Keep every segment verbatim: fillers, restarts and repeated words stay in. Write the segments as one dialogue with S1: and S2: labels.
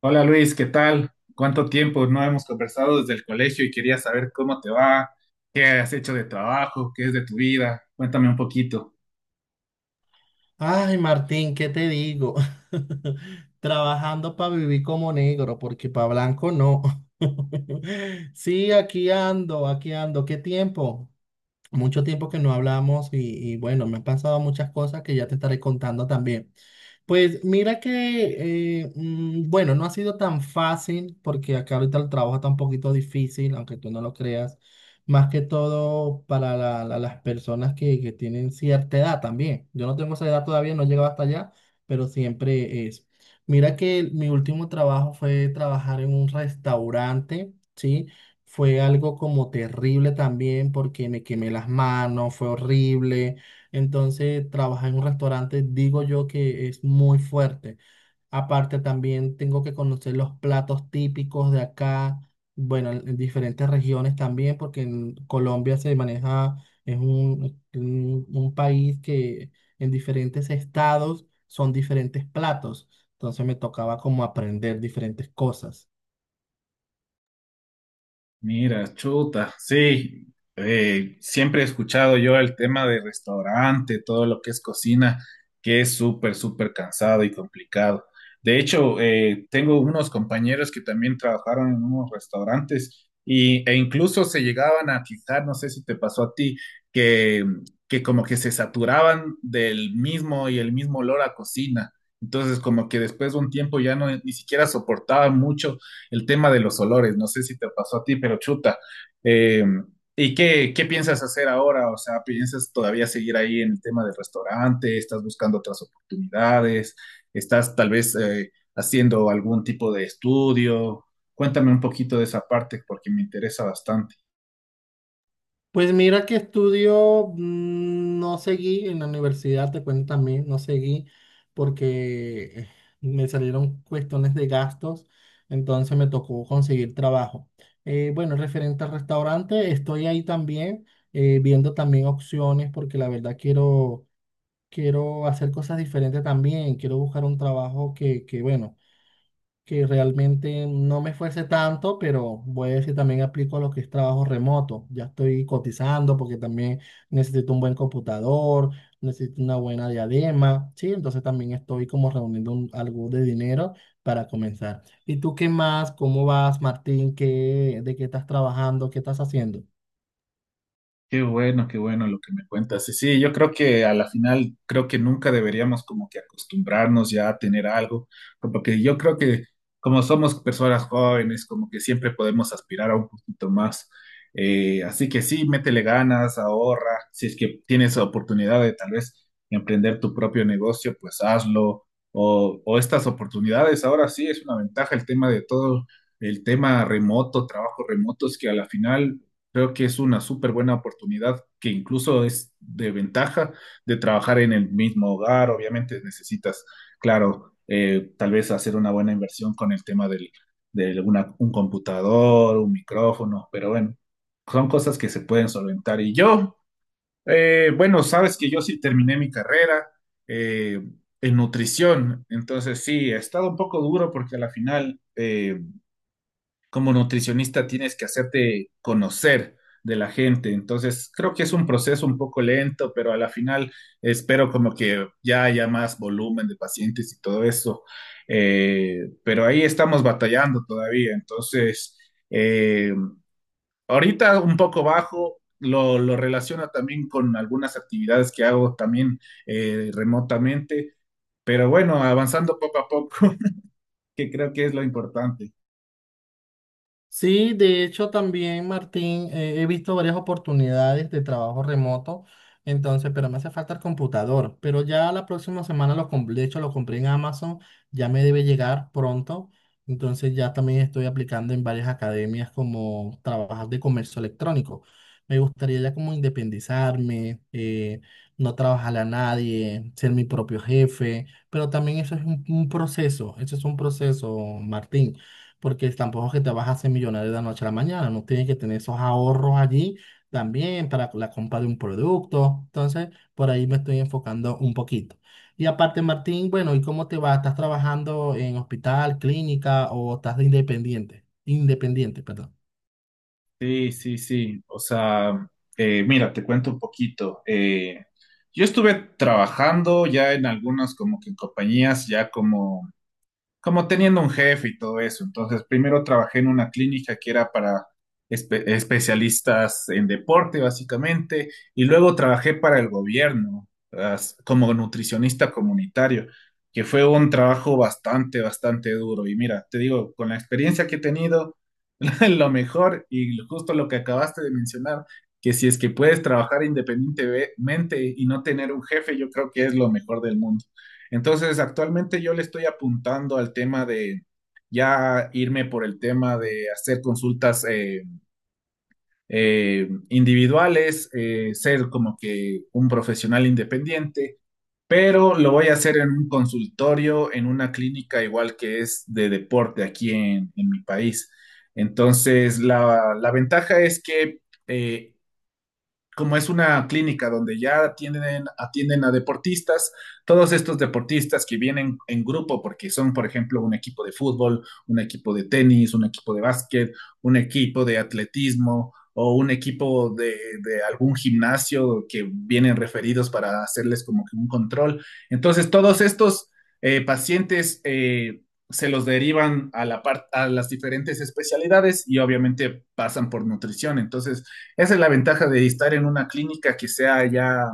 S1: Hola Luis, ¿qué tal? ¿Cuánto tiempo no hemos conversado desde el colegio y quería saber cómo te va, qué has hecho de trabajo, qué es de tu vida? Cuéntame un poquito.
S2: Ay, Martín, ¿qué te digo? Trabajando para vivir como negro, porque para blanco no. Sí, aquí ando, aquí ando. ¿Qué tiempo? Mucho tiempo que no hablamos y, y bueno, me han pasado muchas cosas que ya te estaré contando también. Pues mira que, eh, mm, bueno, no ha sido tan fácil porque acá ahorita el trabajo está un poquito difícil, aunque tú no lo creas, más que todo para la- la- las personas que, que tienen cierta edad también. Yo no tengo esa edad todavía, no he llegado hasta allá, pero siempre es. Mira que mi último trabajo fue trabajar en un restaurante, ¿sí? Fue algo como terrible también porque me quemé las manos, fue horrible. Entonces, trabajar en un restaurante, digo yo que es muy fuerte. Aparte, también tengo que conocer los platos típicos de acá, bueno, en en diferentes regiones también, porque en Colombia se maneja, es un, un, un país que en diferentes estados son diferentes platos. Entonces, me tocaba como aprender diferentes cosas.
S1: Mira, chuta, sí, eh, siempre he escuchado yo el tema de restaurante, todo lo que es cocina, que es súper, súper cansado y complicado. De hecho, eh, tengo unos compañeros que también trabajaron en unos restaurantes y, e incluso se llegaban a fijar, no sé si te pasó a ti, que, que como que se saturaban del mismo y el mismo olor a cocina. Entonces, como que después de un tiempo ya no, ni siquiera soportaban mucho el tema de los olores, no sé si te pasó a ti, pero chuta. Eh, ¿y qué, qué piensas hacer ahora? O sea, ¿piensas todavía seguir ahí en el tema del restaurante? ¿Estás buscando otras oportunidades? ¿Estás tal vez eh, haciendo algún tipo de estudio? Cuéntame un poquito de esa parte porque me interesa bastante.
S2: Pues mira que estudio, mm, no seguí en la universidad, te cuento también, no seguí porque eh, me salieron cuestiones de gastos, entonces me tocó conseguir trabajo. Eh, bueno, referente al restaurante, estoy ahí también eh, viendo también opciones porque la verdad quiero, quiero hacer cosas diferentes también, quiero buscar un trabajo que, que bueno que realmente no me esfuerce tanto, pero voy a decir también aplico lo que es trabajo remoto. Ya estoy cotizando porque también necesito un buen computador, necesito una buena diadema, ¿sí? Entonces también estoy como reuniendo un- algo de dinero para comenzar. ¿Y tú qué más? ¿Cómo vas, Martín? ¿Qué, de qué estás trabajando? ¿Qué estás haciendo?
S1: Qué bueno, qué bueno lo que me cuentas. Y sí, yo creo que a la final, creo que nunca deberíamos como que acostumbrarnos ya a tener algo, porque yo creo que como somos personas jóvenes, como que siempre podemos aspirar a un poquito más. Eh, así que sí, métele ganas, ahorra. Si es que tienes oportunidad de tal vez emprender tu propio negocio, pues hazlo. O, o estas oportunidades, ahora sí es una ventaja el tema de todo, el tema remoto, trabajo remoto, es que a la final creo que es una súper buena oportunidad que incluso es de ventaja de trabajar en el mismo hogar. Obviamente necesitas, claro, eh, tal vez hacer una buena inversión con el tema del, de una- un computador, un micrófono, pero bueno, son cosas que se pueden solventar. Y yo, eh, bueno, sabes que yo sí terminé mi carrera eh, en nutrición, entonces sí, ha estado un poco duro porque a la final... eh, Como nutricionista tienes que hacerte conocer de la gente. Entonces, creo que es un proceso un poco lento, pero a la final espero como que ya haya más volumen de pacientes y todo eso. Eh, pero ahí estamos batallando todavía. Entonces, eh, ahorita un poco bajo. Lo, lo relaciona también con algunas actividades que hago también eh, remotamente, pero bueno, avanzando poco a poco, que creo que es lo importante.
S2: Sí, de hecho también, Martín, eh, he visto varias oportunidades de trabajo remoto, entonces, pero me hace falta el computador. Pero ya la próxima semana lo compré, de hecho lo compré en Amazon, ya me debe llegar pronto. Entonces ya también estoy aplicando en varias academias como trabajar de comercio electrónico. Me gustaría ya como independizarme, eh, no trabajarle a nadie, ser mi propio jefe, pero también eso es un un proceso, eso es un proceso, Martín, porque tampoco es que te vas a hacer millonario de la noche a la mañana, no tienes que tener esos ahorros allí también para la compra de un producto. Entonces, por ahí me estoy enfocando un poquito. Y aparte, Martín, bueno, ¿y cómo te va? ¿Estás trabajando en hospital, clínica o estás de independiente? Independiente, perdón.
S1: Sí, sí, sí. O sea, eh, mira, te cuento un poquito. Eh, yo estuve trabajando ya en algunas como que compañías, ya como como teniendo un jefe y todo eso. Entonces, primero trabajé en una clínica que era para espe- especialistas en deporte, básicamente, y luego trabajé para el gobierno, as- como nutricionista comunitario, que fue un trabajo bastante, bastante duro. Y mira, te digo, con la experiencia que he tenido, lo mejor y justo lo que acabaste de mencionar, que si es que puedes trabajar independientemente y no tener un jefe, yo creo que es lo mejor del mundo. Entonces, actualmente yo le estoy apuntando al tema de ya irme por el tema de hacer consultas eh, eh, individuales, eh, ser como que un profesional independiente, pero lo voy a hacer en un consultorio, en una clínica igual que es de deporte aquí en, en mi país. Entonces, la, la ventaja es que eh, como es una clínica donde ya atienden, atienden a deportistas, todos estos deportistas que vienen en grupo porque son, por ejemplo, un equipo de fútbol, un equipo de tenis, un equipo de básquet, un equipo de atletismo o un equipo de, de algún gimnasio que vienen referidos para hacerles como que un control. Entonces, todos estos eh, pacientes... Eh, se los derivan a, la part- a las diferentes especialidades y obviamente pasan por nutrición. Entonces, esa es la ventaja de estar en una clínica que sea ya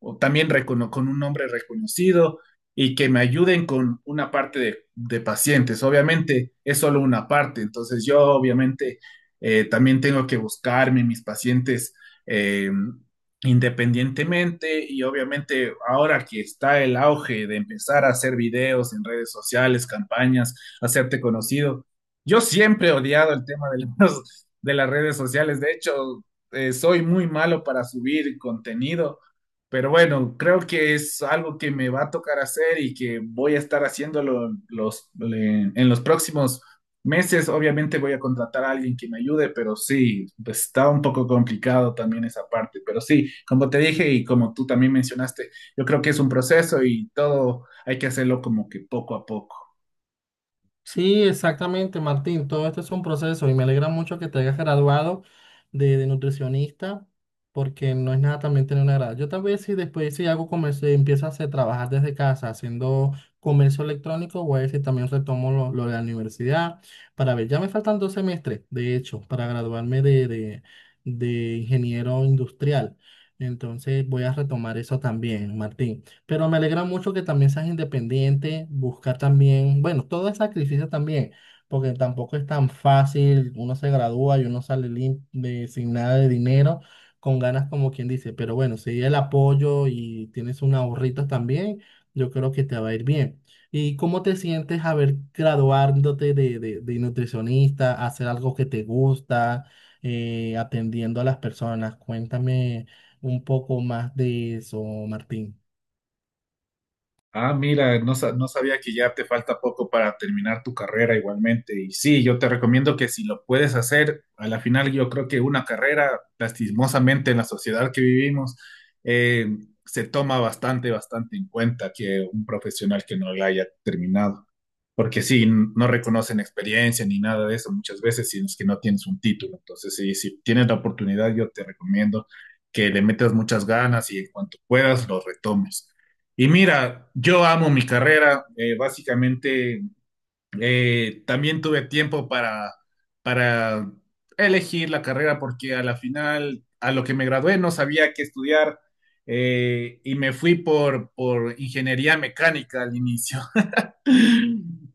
S1: o también recono- con un nombre reconocido y que me ayuden con una parte de, de pacientes. Obviamente es solo una parte, entonces yo obviamente eh, también tengo que buscarme mis pacientes eh, independientemente y obviamente ahora que está el auge de empezar a hacer videos en redes sociales, campañas, hacerte conocido, yo siempre he odiado el tema de los- de las redes sociales. De hecho, eh, soy muy malo para subir contenido, pero bueno, creo que es algo que me va a tocar hacer y que voy a estar haciéndolo en los, le- en los próximos meses. Obviamente voy a contratar a alguien que me ayude, pero sí, pues está un poco complicado también esa parte. Pero sí, como te dije y como tú también mencionaste, yo creo que es un proceso y todo hay que hacerlo como que poco a poco.
S2: Sí, exactamente, Martín. Todo esto es un proceso y me alegra mucho que te hayas graduado de, de nutricionista porque no es nada también tener una grada. Yo también si después si hago comercio, empiezo a hacer, trabajar desde casa haciendo comercio electrónico, voy a ver si también retomo lo, lo de la universidad para ver. Ya me faltan dos semestres, de hecho, para graduarme de, de, de ingeniero industrial. Entonces voy a retomar eso también, Martín. Pero me alegra mucho que también seas independiente, buscar también, bueno, todo es sacrificio también, porque tampoco es tan fácil, uno se gradúa y uno sale lim- de- sin nada de dinero, con ganas como quien dice, pero bueno, si el apoyo y tienes un ahorrito también, yo creo que te va a ir bien. ¿Y cómo te sientes haber graduándote de, de- de nutricionista, hacer algo que te gusta, eh, atendiendo a las personas? Cuéntame un poco más de eso, Martín.
S1: Ah, mira, no, sa- no sabía que ya te falta poco para terminar tu carrera igualmente. Y sí, yo te recomiendo que si lo puedes hacer, a la final yo creo que una carrera, lastimosamente en la sociedad que vivimos, eh, se toma bastante, bastante en cuenta que un profesional que no la haya terminado porque sí, no reconocen experiencia ni nada de eso muchas veces, si es que no tienes un título. Entonces, sí, si tienes la oportunidad, yo te recomiendo que le metas muchas ganas y en cuanto puedas lo retomes. Y mira, yo amo mi carrera, eh, básicamente eh, también tuve tiempo para, para elegir la carrera porque a la final, a lo que me gradué, no sabía qué estudiar eh, y me fui por, por ingeniería mecánica al inicio.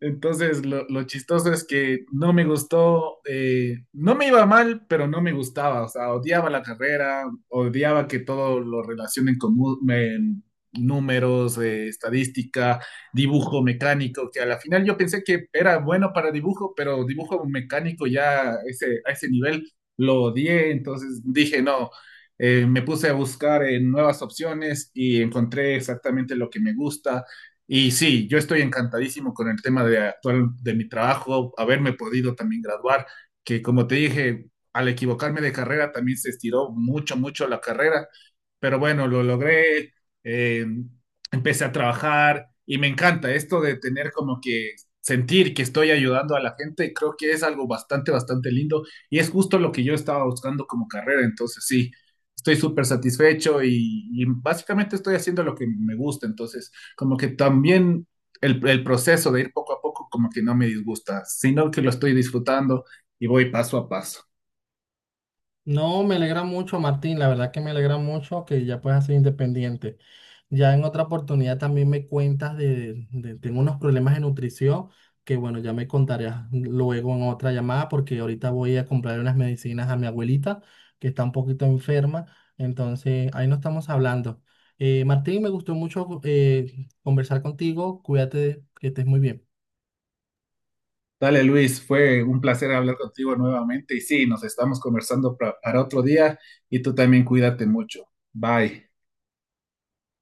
S1: Entonces, lo, lo chistoso es que no me gustó, eh, no me iba mal, pero no me gustaba, o sea, odiaba la carrera, odiaba que todo lo relacionen con mu- me- números, eh, estadística, dibujo mecánico, que a la final yo pensé que era bueno para dibujo, pero dibujo mecánico ya a ese, a ese nivel lo odié, entonces dije, no, eh, me puse a buscar eh, nuevas opciones y encontré exactamente lo que me gusta y sí, yo estoy encantadísimo con el tema de actual de mi trabajo, haberme podido también graduar, que como te dije, al equivocarme de carrera también se estiró mucho, mucho la carrera pero bueno, lo logré, eh, empecé a trabajar y me encanta esto de tener como que sentir que estoy ayudando a la gente, creo que es algo bastante, bastante lindo y es justo lo que yo estaba buscando como carrera, entonces sí, estoy súper satisfecho y, y básicamente estoy haciendo lo que me gusta, entonces como que también el, el proceso de ir poco a poco como que no me disgusta, sino que lo estoy disfrutando y voy paso a paso.
S2: No, me alegra mucho, Martín. La verdad que me alegra mucho que ya puedas ser independiente. Ya en otra oportunidad también me cuentas de, de- tengo unos problemas de nutrición que bueno, ya me contarás luego en otra llamada porque ahorita voy a comprar unas medicinas a mi abuelita que está un poquito enferma. Entonces, ahí no estamos hablando. Eh, Martín, me gustó mucho eh, conversar contigo. Cuídate, que estés muy bien.
S1: Dale, Luis, fue un placer hablar contigo nuevamente y sí, nos estamos conversando pra- para otro día y tú también cuídate mucho. Bye.